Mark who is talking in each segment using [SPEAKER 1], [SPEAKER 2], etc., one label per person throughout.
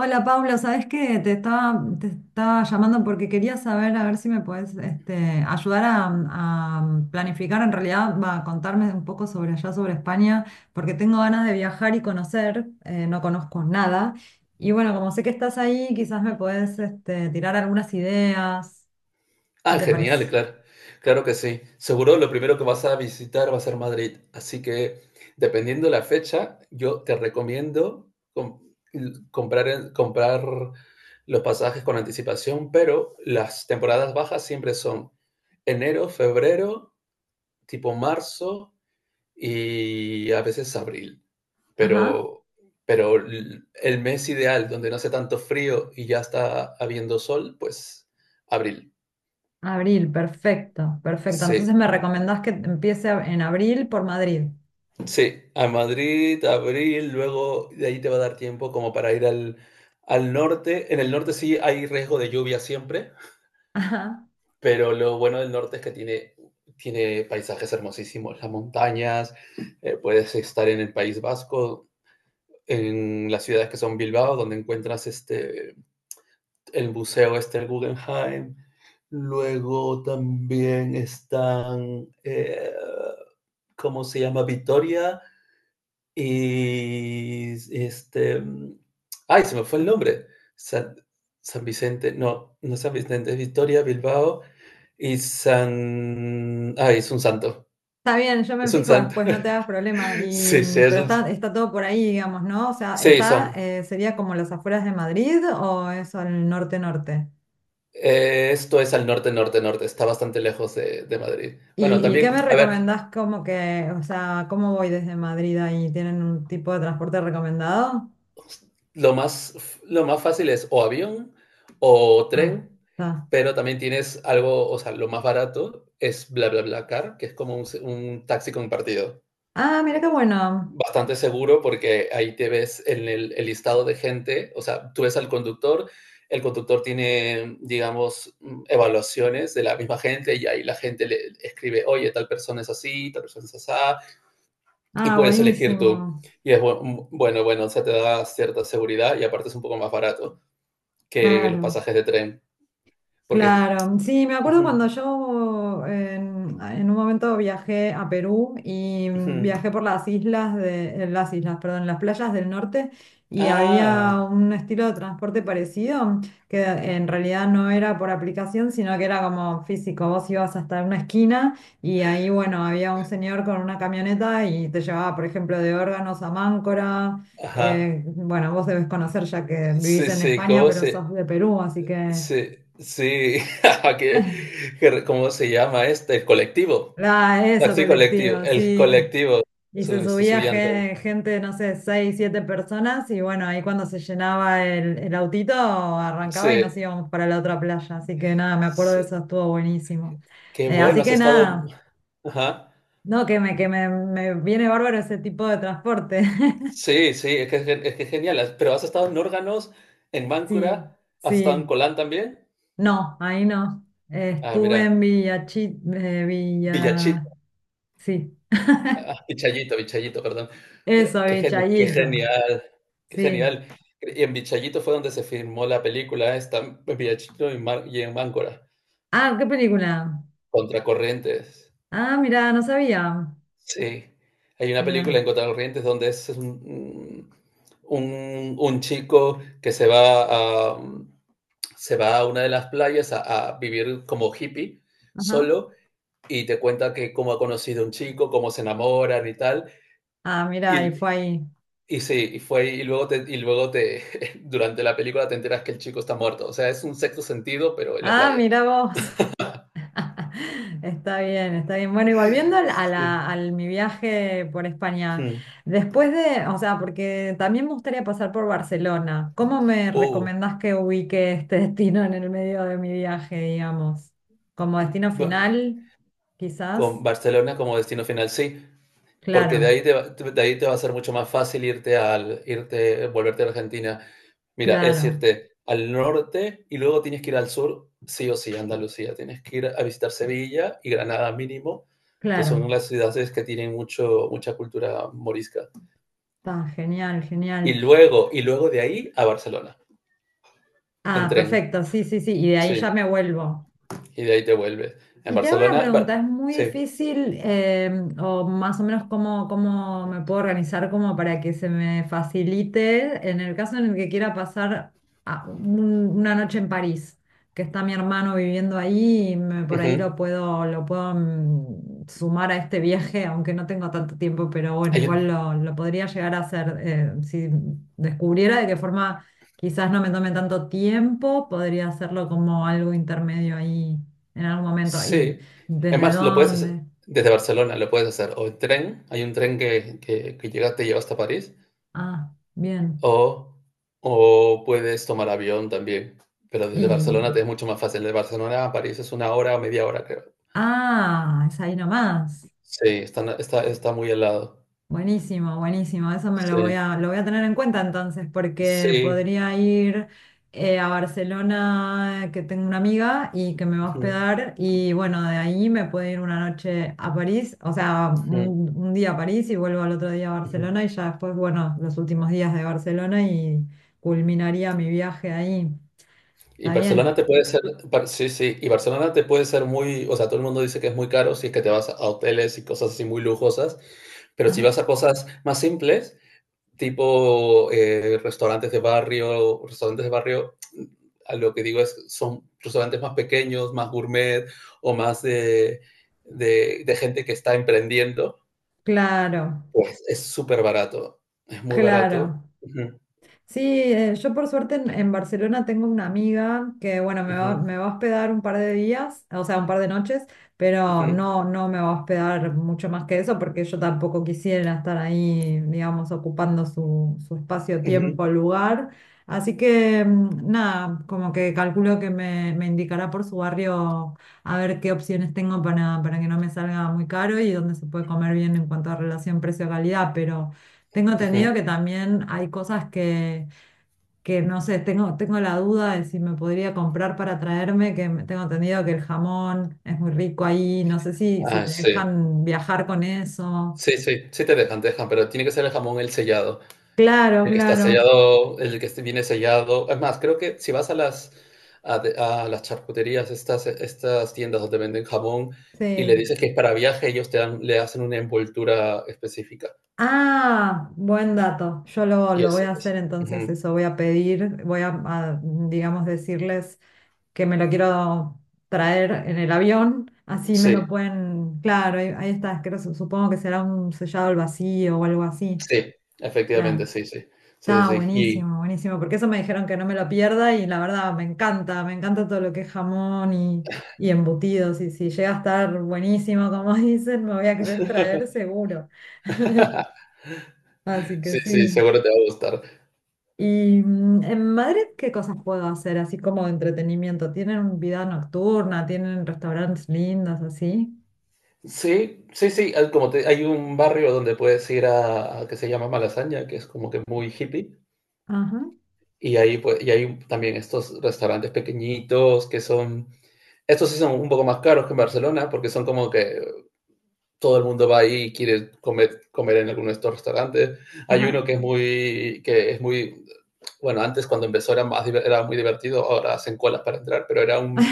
[SPEAKER 1] Hola Paula, ¿sabes qué? Te estaba llamando porque quería saber a ver si me puedes ayudar a planificar, en realidad, va, a contarme un poco sobre allá, sobre España, porque tengo ganas de viajar y conocer, no conozco nada. Y bueno, como sé que estás ahí, quizás me puedes tirar algunas ideas. ¿Qué
[SPEAKER 2] Ah,
[SPEAKER 1] te
[SPEAKER 2] genial,
[SPEAKER 1] parece?
[SPEAKER 2] claro. Claro que sí. Seguro lo primero que vas a visitar va a ser Madrid. Así que, dependiendo la fecha, yo te recomiendo com- comprar los pasajes con anticipación, pero las temporadas bajas siempre son enero, febrero, tipo marzo y a veces abril.
[SPEAKER 1] Ajá,
[SPEAKER 2] Pero, pero el mes ideal, donde no hace tanto frío y ya está habiendo sol, pues abril.
[SPEAKER 1] abril, perfecto, perfecto. Entonces
[SPEAKER 2] Sí.
[SPEAKER 1] me recomendás que en abril por Madrid.
[SPEAKER 2] Sí, a Madrid, abril, luego de ahí te va a dar tiempo como para ir al norte. En el norte sí hay riesgo de lluvia siempre,
[SPEAKER 1] Ajá.
[SPEAKER 2] pero lo bueno del norte es que tiene paisajes hermosísimos, las montañas. Puedes estar en el País Vasco, en las ciudades que son Bilbao, donde encuentras este, el museo este, el Guggenheim. Luego también están, ¿cómo se llama? Vitoria. Y este, ay, se me fue el nombre. San, San Vicente, no, no es San Vicente, es Victoria, Bilbao y San, ay, es un santo,
[SPEAKER 1] Está bien, yo me
[SPEAKER 2] es un
[SPEAKER 1] fijo
[SPEAKER 2] santo.
[SPEAKER 1] después, no te hagas problema. Y,
[SPEAKER 2] Sí, sí, es
[SPEAKER 1] pero
[SPEAKER 2] un,
[SPEAKER 1] está todo por ahí, digamos, ¿no? O sea,
[SPEAKER 2] sí,
[SPEAKER 1] está,
[SPEAKER 2] son.
[SPEAKER 1] sería como las afueras de Madrid o eso el norte-norte.
[SPEAKER 2] Esto es al norte, norte, norte. Está bastante lejos de Madrid. Bueno,
[SPEAKER 1] Y
[SPEAKER 2] también,
[SPEAKER 1] qué me
[SPEAKER 2] a ver,
[SPEAKER 1] recomendás como que, o sea, cómo voy desde Madrid ahí? ¿Tienen un tipo de transporte recomendado?
[SPEAKER 2] Lo más, lo más fácil es o avión o
[SPEAKER 1] Ah,
[SPEAKER 2] tren,
[SPEAKER 1] está.
[SPEAKER 2] pero también tienes algo, o sea, lo más barato es bla car, que es como un taxi compartido.
[SPEAKER 1] Ah, mira qué bueno.
[SPEAKER 2] Bastante seguro porque ahí te ves en el listado de gente, o sea, tú ves al conductor, el conductor tiene, digamos, evaluaciones de la misma gente y ahí la gente le escribe, oye, tal persona es así, tal persona es así, y
[SPEAKER 1] Ah,
[SPEAKER 2] puedes elegir tú.
[SPEAKER 1] buenísimo.
[SPEAKER 2] Y es bueno, o sea, te da cierta seguridad y aparte es un poco más barato que los
[SPEAKER 1] Claro.
[SPEAKER 2] pasajes de tren. Porque.
[SPEAKER 1] Claro, sí, me acuerdo
[SPEAKER 2] Ujú,
[SPEAKER 1] cuando yo en un momento viajé a Perú y
[SPEAKER 2] ujú.
[SPEAKER 1] viajé por las islas de, las islas, perdón, las playas del norte y había
[SPEAKER 2] Ah,
[SPEAKER 1] un estilo de transporte parecido que en realidad no era por aplicación, sino que era como físico. Vos ibas hasta una esquina y ahí, bueno, había un señor con una camioneta y te llevaba, por ejemplo, de órganos a Máncora.
[SPEAKER 2] ajá.
[SPEAKER 1] Bueno, vos debes conocer ya que vivís
[SPEAKER 2] Sí,
[SPEAKER 1] en
[SPEAKER 2] sí,
[SPEAKER 1] España,
[SPEAKER 2] ¿cómo
[SPEAKER 1] pero sos
[SPEAKER 2] se.
[SPEAKER 1] de Perú, así que
[SPEAKER 2] Sí, sí. ¿Qué- ¿Cómo se llama este? El colectivo.
[SPEAKER 1] La, eso,
[SPEAKER 2] Taxi colectivo.
[SPEAKER 1] colectivo,
[SPEAKER 2] El
[SPEAKER 1] sí.
[SPEAKER 2] colectivo.
[SPEAKER 1] Y se
[SPEAKER 2] Su, su, su
[SPEAKER 1] subía
[SPEAKER 2] llanto.
[SPEAKER 1] gente, no sé, seis, siete personas y bueno, ahí cuando se llenaba el autito
[SPEAKER 2] Sí,
[SPEAKER 1] arrancaba y nos íbamos para la otra playa. Así que nada, me acuerdo de
[SPEAKER 2] sí.
[SPEAKER 1] eso, estuvo buenísimo.
[SPEAKER 2] Qué bueno,
[SPEAKER 1] Así
[SPEAKER 2] has
[SPEAKER 1] que
[SPEAKER 2] estado.
[SPEAKER 1] nada,
[SPEAKER 2] Ajá.
[SPEAKER 1] no, me viene bárbaro ese tipo de transporte.
[SPEAKER 2] Sí, sí, es que es genial. Pero has estado en órganos, en
[SPEAKER 1] Sí,
[SPEAKER 2] Máncora, has estado en
[SPEAKER 1] sí.
[SPEAKER 2] Colán también.
[SPEAKER 1] No, ahí no.
[SPEAKER 2] Ah,
[SPEAKER 1] Estuve en
[SPEAKER 2] mira, Villachito,
[SPEAKER 1] Villa... Sí,
[SPEAKER 2] ah, Vichayito, Vichayito, perdón. Eh,
[SPEAKER 1] eso,
[SPEAKER 2] Qué, gen- qué
[SPEAKER 1] Villachito.
[SPEAKER 2] genial, qué
[SPEAKER 1] Sí.
[SPEAKER 2] genial. Y en Vichayito fue donde se filmó la película esta, en Villachito y en Máncora.
[SPEAKER 1] Ah, ¿qué película?
[SPEAKER 2] Contracorrientes.
[SPEAKER 1] Ah, mira, no sabía.
[SPEAKER 2] Sí, hay una película en
[SPEAKER 1] Mira.
[SPEAKER 2] Corrientes donde es un, un chico que se va a una de las playas a vivir como hippie
[SPEAKER 1] Ajá.
[SPEAKER 2] solo y te cuenta que cómo ha conocido a un chico, cómo se enamoran y tal.
[SPEAKER 1] Ah, mira, y
[SPEAKER 2] Y,
[SPEAKER 1] fue ahí.
[SPEAKER 2] y sí, y fue y luego te durante la película te enteras que el chico está muerto. O sea, es un sexto sentido, pero en la
[SPEAKER 1] Ah,
[SPEAKER 2] playa.
[SPEAKER 1] mira vos. Está bien, está bien. Bueno, y volviendo
[SPEAKER 2] Sí, sí.
[SPEAKER 1] al mi viaje por España,
[SPEAKER 2] Mm.
[SPEAKER 1] después de, o sea, porque también me gustaría pasar por Barcelona, ¿cómo me
[SPEAKER 2] Uh,
[SPEAKER 1] recomendás que ubique este destino en el medio de mi viaje, digamos? ¿Como destino
[SPEAKER 2] bueno,
[SPEAKER 1] final,
[SPEAKER 2] con
[SPEAKER 1] quizás?
[SPEAKER 2] Barcelona como destino final, sí. Porque de
[SPEAKER 1] Claro,
[SPEAKER 2] ahí te, va- de ahí te va a ser mucho más fácil volverte a Argentina. Mira, es
[SPEAKER 1] claro,
[SPEAKER 2] irte al norte y luego tienes que ir al sur, sí o sí, a Andalucía. Tienes que ir a visitar Sevilla y Granada mínimo, que
[SPEAKER 1] claro.
[SPEAKER 2] son las ciudades que tienen mucha cultura morisca.
[SPEAKER 1] Está genial,
[SPEAKER 2] Y
[SPEAKER 1] genial.
[SPEAKER 2] luego, y luego de ahí a Barcelona, en
[SPEAKER 1] Ah,
[SPEAKER 2] tren.
[SPEAKER 1] perfecto, sí, sí, sí. Y de ahí
[SPEAKER 2] Sí,
[SPEAKER 1] ya me vuelvo.
[SPEAKER 2] y de ahí te vuelves. En
[SPEAKER 1] Y te hago una
[SPEAKER 2] Barcelona,
[SPEAKER 1] pregunta,
[SPEAKER 2] Bar-
[SPEAKER 1] ¿es muy
[SPEAKER 2] sí.
[SPEAKER 1] difícil o más o menos cómo, cómo me puedo organizar como para que se me facilite en el caso en el que quiera pasar una noche en París, que está mi hermano viviendo ahí y por
[SPEAKER 2] Ujú.
[SPEAKER 1] ahí lo puedo sumar a este viaje, aunque no tengo tanto tiempo, pero bueno,
[SPEAKER 2] Hay
[SPEAKER 1] igual lo podría llegar a hacer si descubriera de qué forma quizás no me tome tanto tiempo, podría hacerlo como algo intermedio ahí en algún momento. ¿Y
[SPEAKER 2] Sí.
[SPEAKER 1] desde
[SPEAKER 2] Además, lo puedes hacer
[SPEAKER 1] dónde?
[SPEAKER 2] desde Barcelona, lo puedes hacer o en tren, hay un tren que llega, te lleva hasta París,
[SPEAKER 1] Ah, bien.
[SPEAKER 2] o, o puedes tomar avión también. Pero
[SPEAKER 1] Y,
[SPEAKER 2] desde Barcelona te es mucho más fácil. De Barcelona a París es una hora o media hora, creo.
[SPEAKER 1] ah, es ahí nomás.
[SPEAKER 2] Sí, está muy al lado.
[SPEAKER 1] Buenísimo, buenísimo. Eso me
[SPEAKER 2] Sí,
[SPEAKER 1] lo voy a tener en cuenta entonces, porque
[SPEAKER 2] sí.
[SPEAKER 1] podría ir a Barcelona, que tengo una amiga y que me va a
[SPEAKER 2] Ujú,
[SPEAKER 1] hospedar. Y bueno, de ahí me puedo ir una noche a París, o sea,
[SPEAKER 2] ujú,
[SPEAKER 1] un día a París y vuelvo al otro día a
[SPEAKER 2] ujú.
[SPEAKER 1] Barcelona. Y ya después, bueno, los últimos días de Barcelona y culminaría mi viaje ahí.
[SPEAKER 2] Y
[SPEAKER 1] ¿Está
[SPEAKER 2] Barcelona
[SPEAKER 1] bien?
[SPEAKER 2] te puede ser, Bar- Sí, sí, y Barcelona te puede ser muy, o sea, todo el mundo dice que es muy caro si es que te vas a hoteles y cosas así muy lujosas, pero si
[SPEAKER 1] Ajá.
[SPEAKER 2] vas a cosas más simples, tipo restaurantes de barrio, a lo que digo es, son restaurantes más pequeños, más gourmet o más de gente que está emprendiendo.
[SPEAKER 1] Claro,
[SPEAKER 2] Pues es súper barato, es muy barato.
[SPEAKER 1] claro.
[SPEAKER 2] Ujú,
[SPEAKER 1] Sí, yo por suerte en Barcelona tengo una amiga que, bueno,
[SPEAKER 2] ujú,
[SPEAKER 1] me va a hospedar un par de días, o sea, un par de noches, pero
[SPEAKER 2] ujú,
[SPEAKER 1] no, no me va a hospedar mucho más que eso porque yo tampoco quisiera estar ahí, digamos, ocupando su espacio,
[SPEAKER 2] ujú,
[SPEAKER 1] tiempo, lugar. Así que, nada, como que calculo que me indicará por su barrio a ver qué opciones tengo para que no me salga muy caro y dónde se puede comer bien en cuanto a relación precio-calidad, pero... Tengo entendido
[SPEAKER 2] ujú.
[SPEAKER 1] que también hay cosas que no sé, tengo la duda de si me podría comprar para traerme, tengo entendido que el jamón es muy rico ahí, no sé si, si
[SPEAKER 2] Ah,
[SPEAKER 1] te
[SPEAKER 2] sí,
[SPEAKER 1] dejan viajar con eso.
[SPEAKER 2] sí, sí, sí te dejan, pero tiene que ser el jamón el sellado.
[SPEAKER 1] Claro,
[SPEAKER 2] El que está
[SPEAKER 1] claro,
[SPEAKER 2] sellado, el que viene sellado. Es más, creo que si vas a las charcuterías, estas tiendas donde venden jamón, y le
[SPEAKER 1] sí.
[SPEAKER 2] dices que es para viaje, ellos te dan, le hacen una envoltura específica.
[SPEAKER 1] Ah, buen dato.
[SPEAKER 2] Y
[SPEAKER 1] Lo voy
[SPEAKER 2] ese,
[SPEAKER 1] a hacer
[SPEAKER 2] ese.
[SPEAKER 1] entonces
[SPEAKER 2] Ujú.
[SPEAKER 1] eso, voy a pedir, voy a, digamos, decirles. Que me lo quiero traer en el avión, así me lo
[SPEAKER 2] Sí,
[SPEAKER 1] pueden, claro, ahí, ahí está, supongo que será un sellado al vacío o algo así,
[SPEAKER 2] sí, efectivamente,
[SPEAKER 1] claro.
[SPEAKER 2] sí, sí. Sí, sí,
[SPEAKER 1] Está
[SPEAKER 2] sí. Y...
[SPEAKER 1] buenísimo, buenísimo, porque eso me dijeron que no me lo pierda y la verdad me encanta todo lo que es jamón y embutidos y si llega a estar buenísimo, como dicen, me voy a querer traer seguro. Así que
[SPEAKER 2] Sí, sí,
[SPEAKER 1] sí.
[SPEAKER 2] seguro te va a gustar.
[SPEAKER 1] ¿Y en Madrid qué cosas puedo hacer así como de entretenimiento? ¿Tienen vida nocturna? ¿Tienen restaurantes lindos así?
[SPEAKER 2] Sí, sí, sí. Hay un barrio donde puedes ir a que se llama Malasaña, que es como que muy hippie.
[SPEAKER 1] Ajá,
[SPEAKER 2] Y ahí, pues, y hay también estos restaurantes pequeñitos que son, estos sí son un poco más caros que en Barcelona porque son como que todo el mundo va ahí y quiere comer, comer en alguno de estos restaurantes. Hay uno
[SPEAKER 1] ajá.
[SPEAKER 2] bueno, antes cuando empezó era muy divertido, ahora hacen colas para entrar, pero era un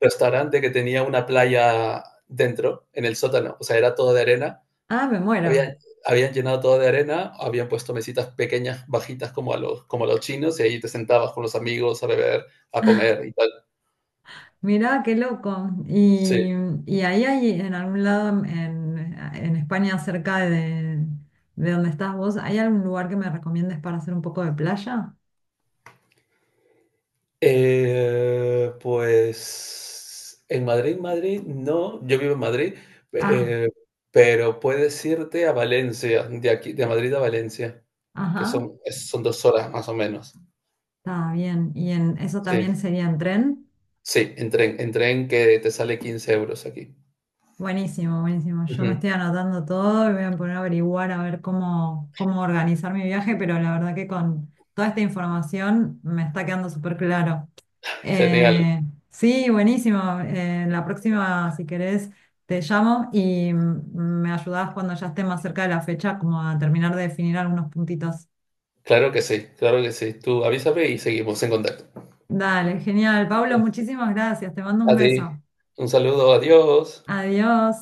[SPEAKER 2] restaurante que tenía una playa dentro, en el sótano, o sea, era todo de arena.
[SPEAKER 1] Ah, me muero.
[SPEAKER 2] Habían, habían llenado todo de arena, habían puesto mesitas pequeñas, bajitas como a los chinos, y ahí te sentabas con los amigos a beber, a comer y tal.
[SPEAKER 1] Mirá, qué loco.
[SPEAKER 2] Sí.
[SPEAKER 1] Y ahí hay en algún lado en España, cerca de donde estás vos, ¿hay algún lugar que me recomiendes para hacer un poco de playa?
[SPEAKER 2] Pues en Madrid, Madrid, no, yo vivo en Madrid,
[SPEAKER 1] Ah,
[SPEAKER 2] eh, pero puedes irte a Valencia, de aquí, de Madrid a Valencia, que
[SPEAKER 1] ajá,
[SPEAKER 2] son, es- son 2 horas más o menos.
[SPEAKER 1] está bien. ¿Y en eso
[SPEAKER 2] Sí,
[SPEAKER 1] también sería en tren?
[SPEAKER 2] sí, en tren que te sale 15 euros aquí.
[SPEAKER 1] Buenísimo, buenísimo. Yo me
[SPEAKER 2] Ujú,
[SPEAKER 1] estoy anotando todo y voy a poner a averiguar a ver cómo, cómo organizar mi viaje, pero la verdad que con toda esta información me está quedando súper claro.
[SPEAKER 2] genial.
[SPEAKER 1] Eh, sí, buenísimo. La próxima, si querés, te llamo y me ayudás cuando ya esté más cerca de la fecha, como a terminar de definir algunos puntitos.
[SPEAKER 2] Claro que sí, claro que sí. Tú avísame y seguimos en contacto.
[SPEAKER 1] Dale, genial. Pablo, muchísimas gracias. Te mando un
[SPEAKER 2] A ti,
[SPEAKER 1] beso.
[SPEAKER 2] un saludo, adiós.
[SPEAKER 1] Adiós.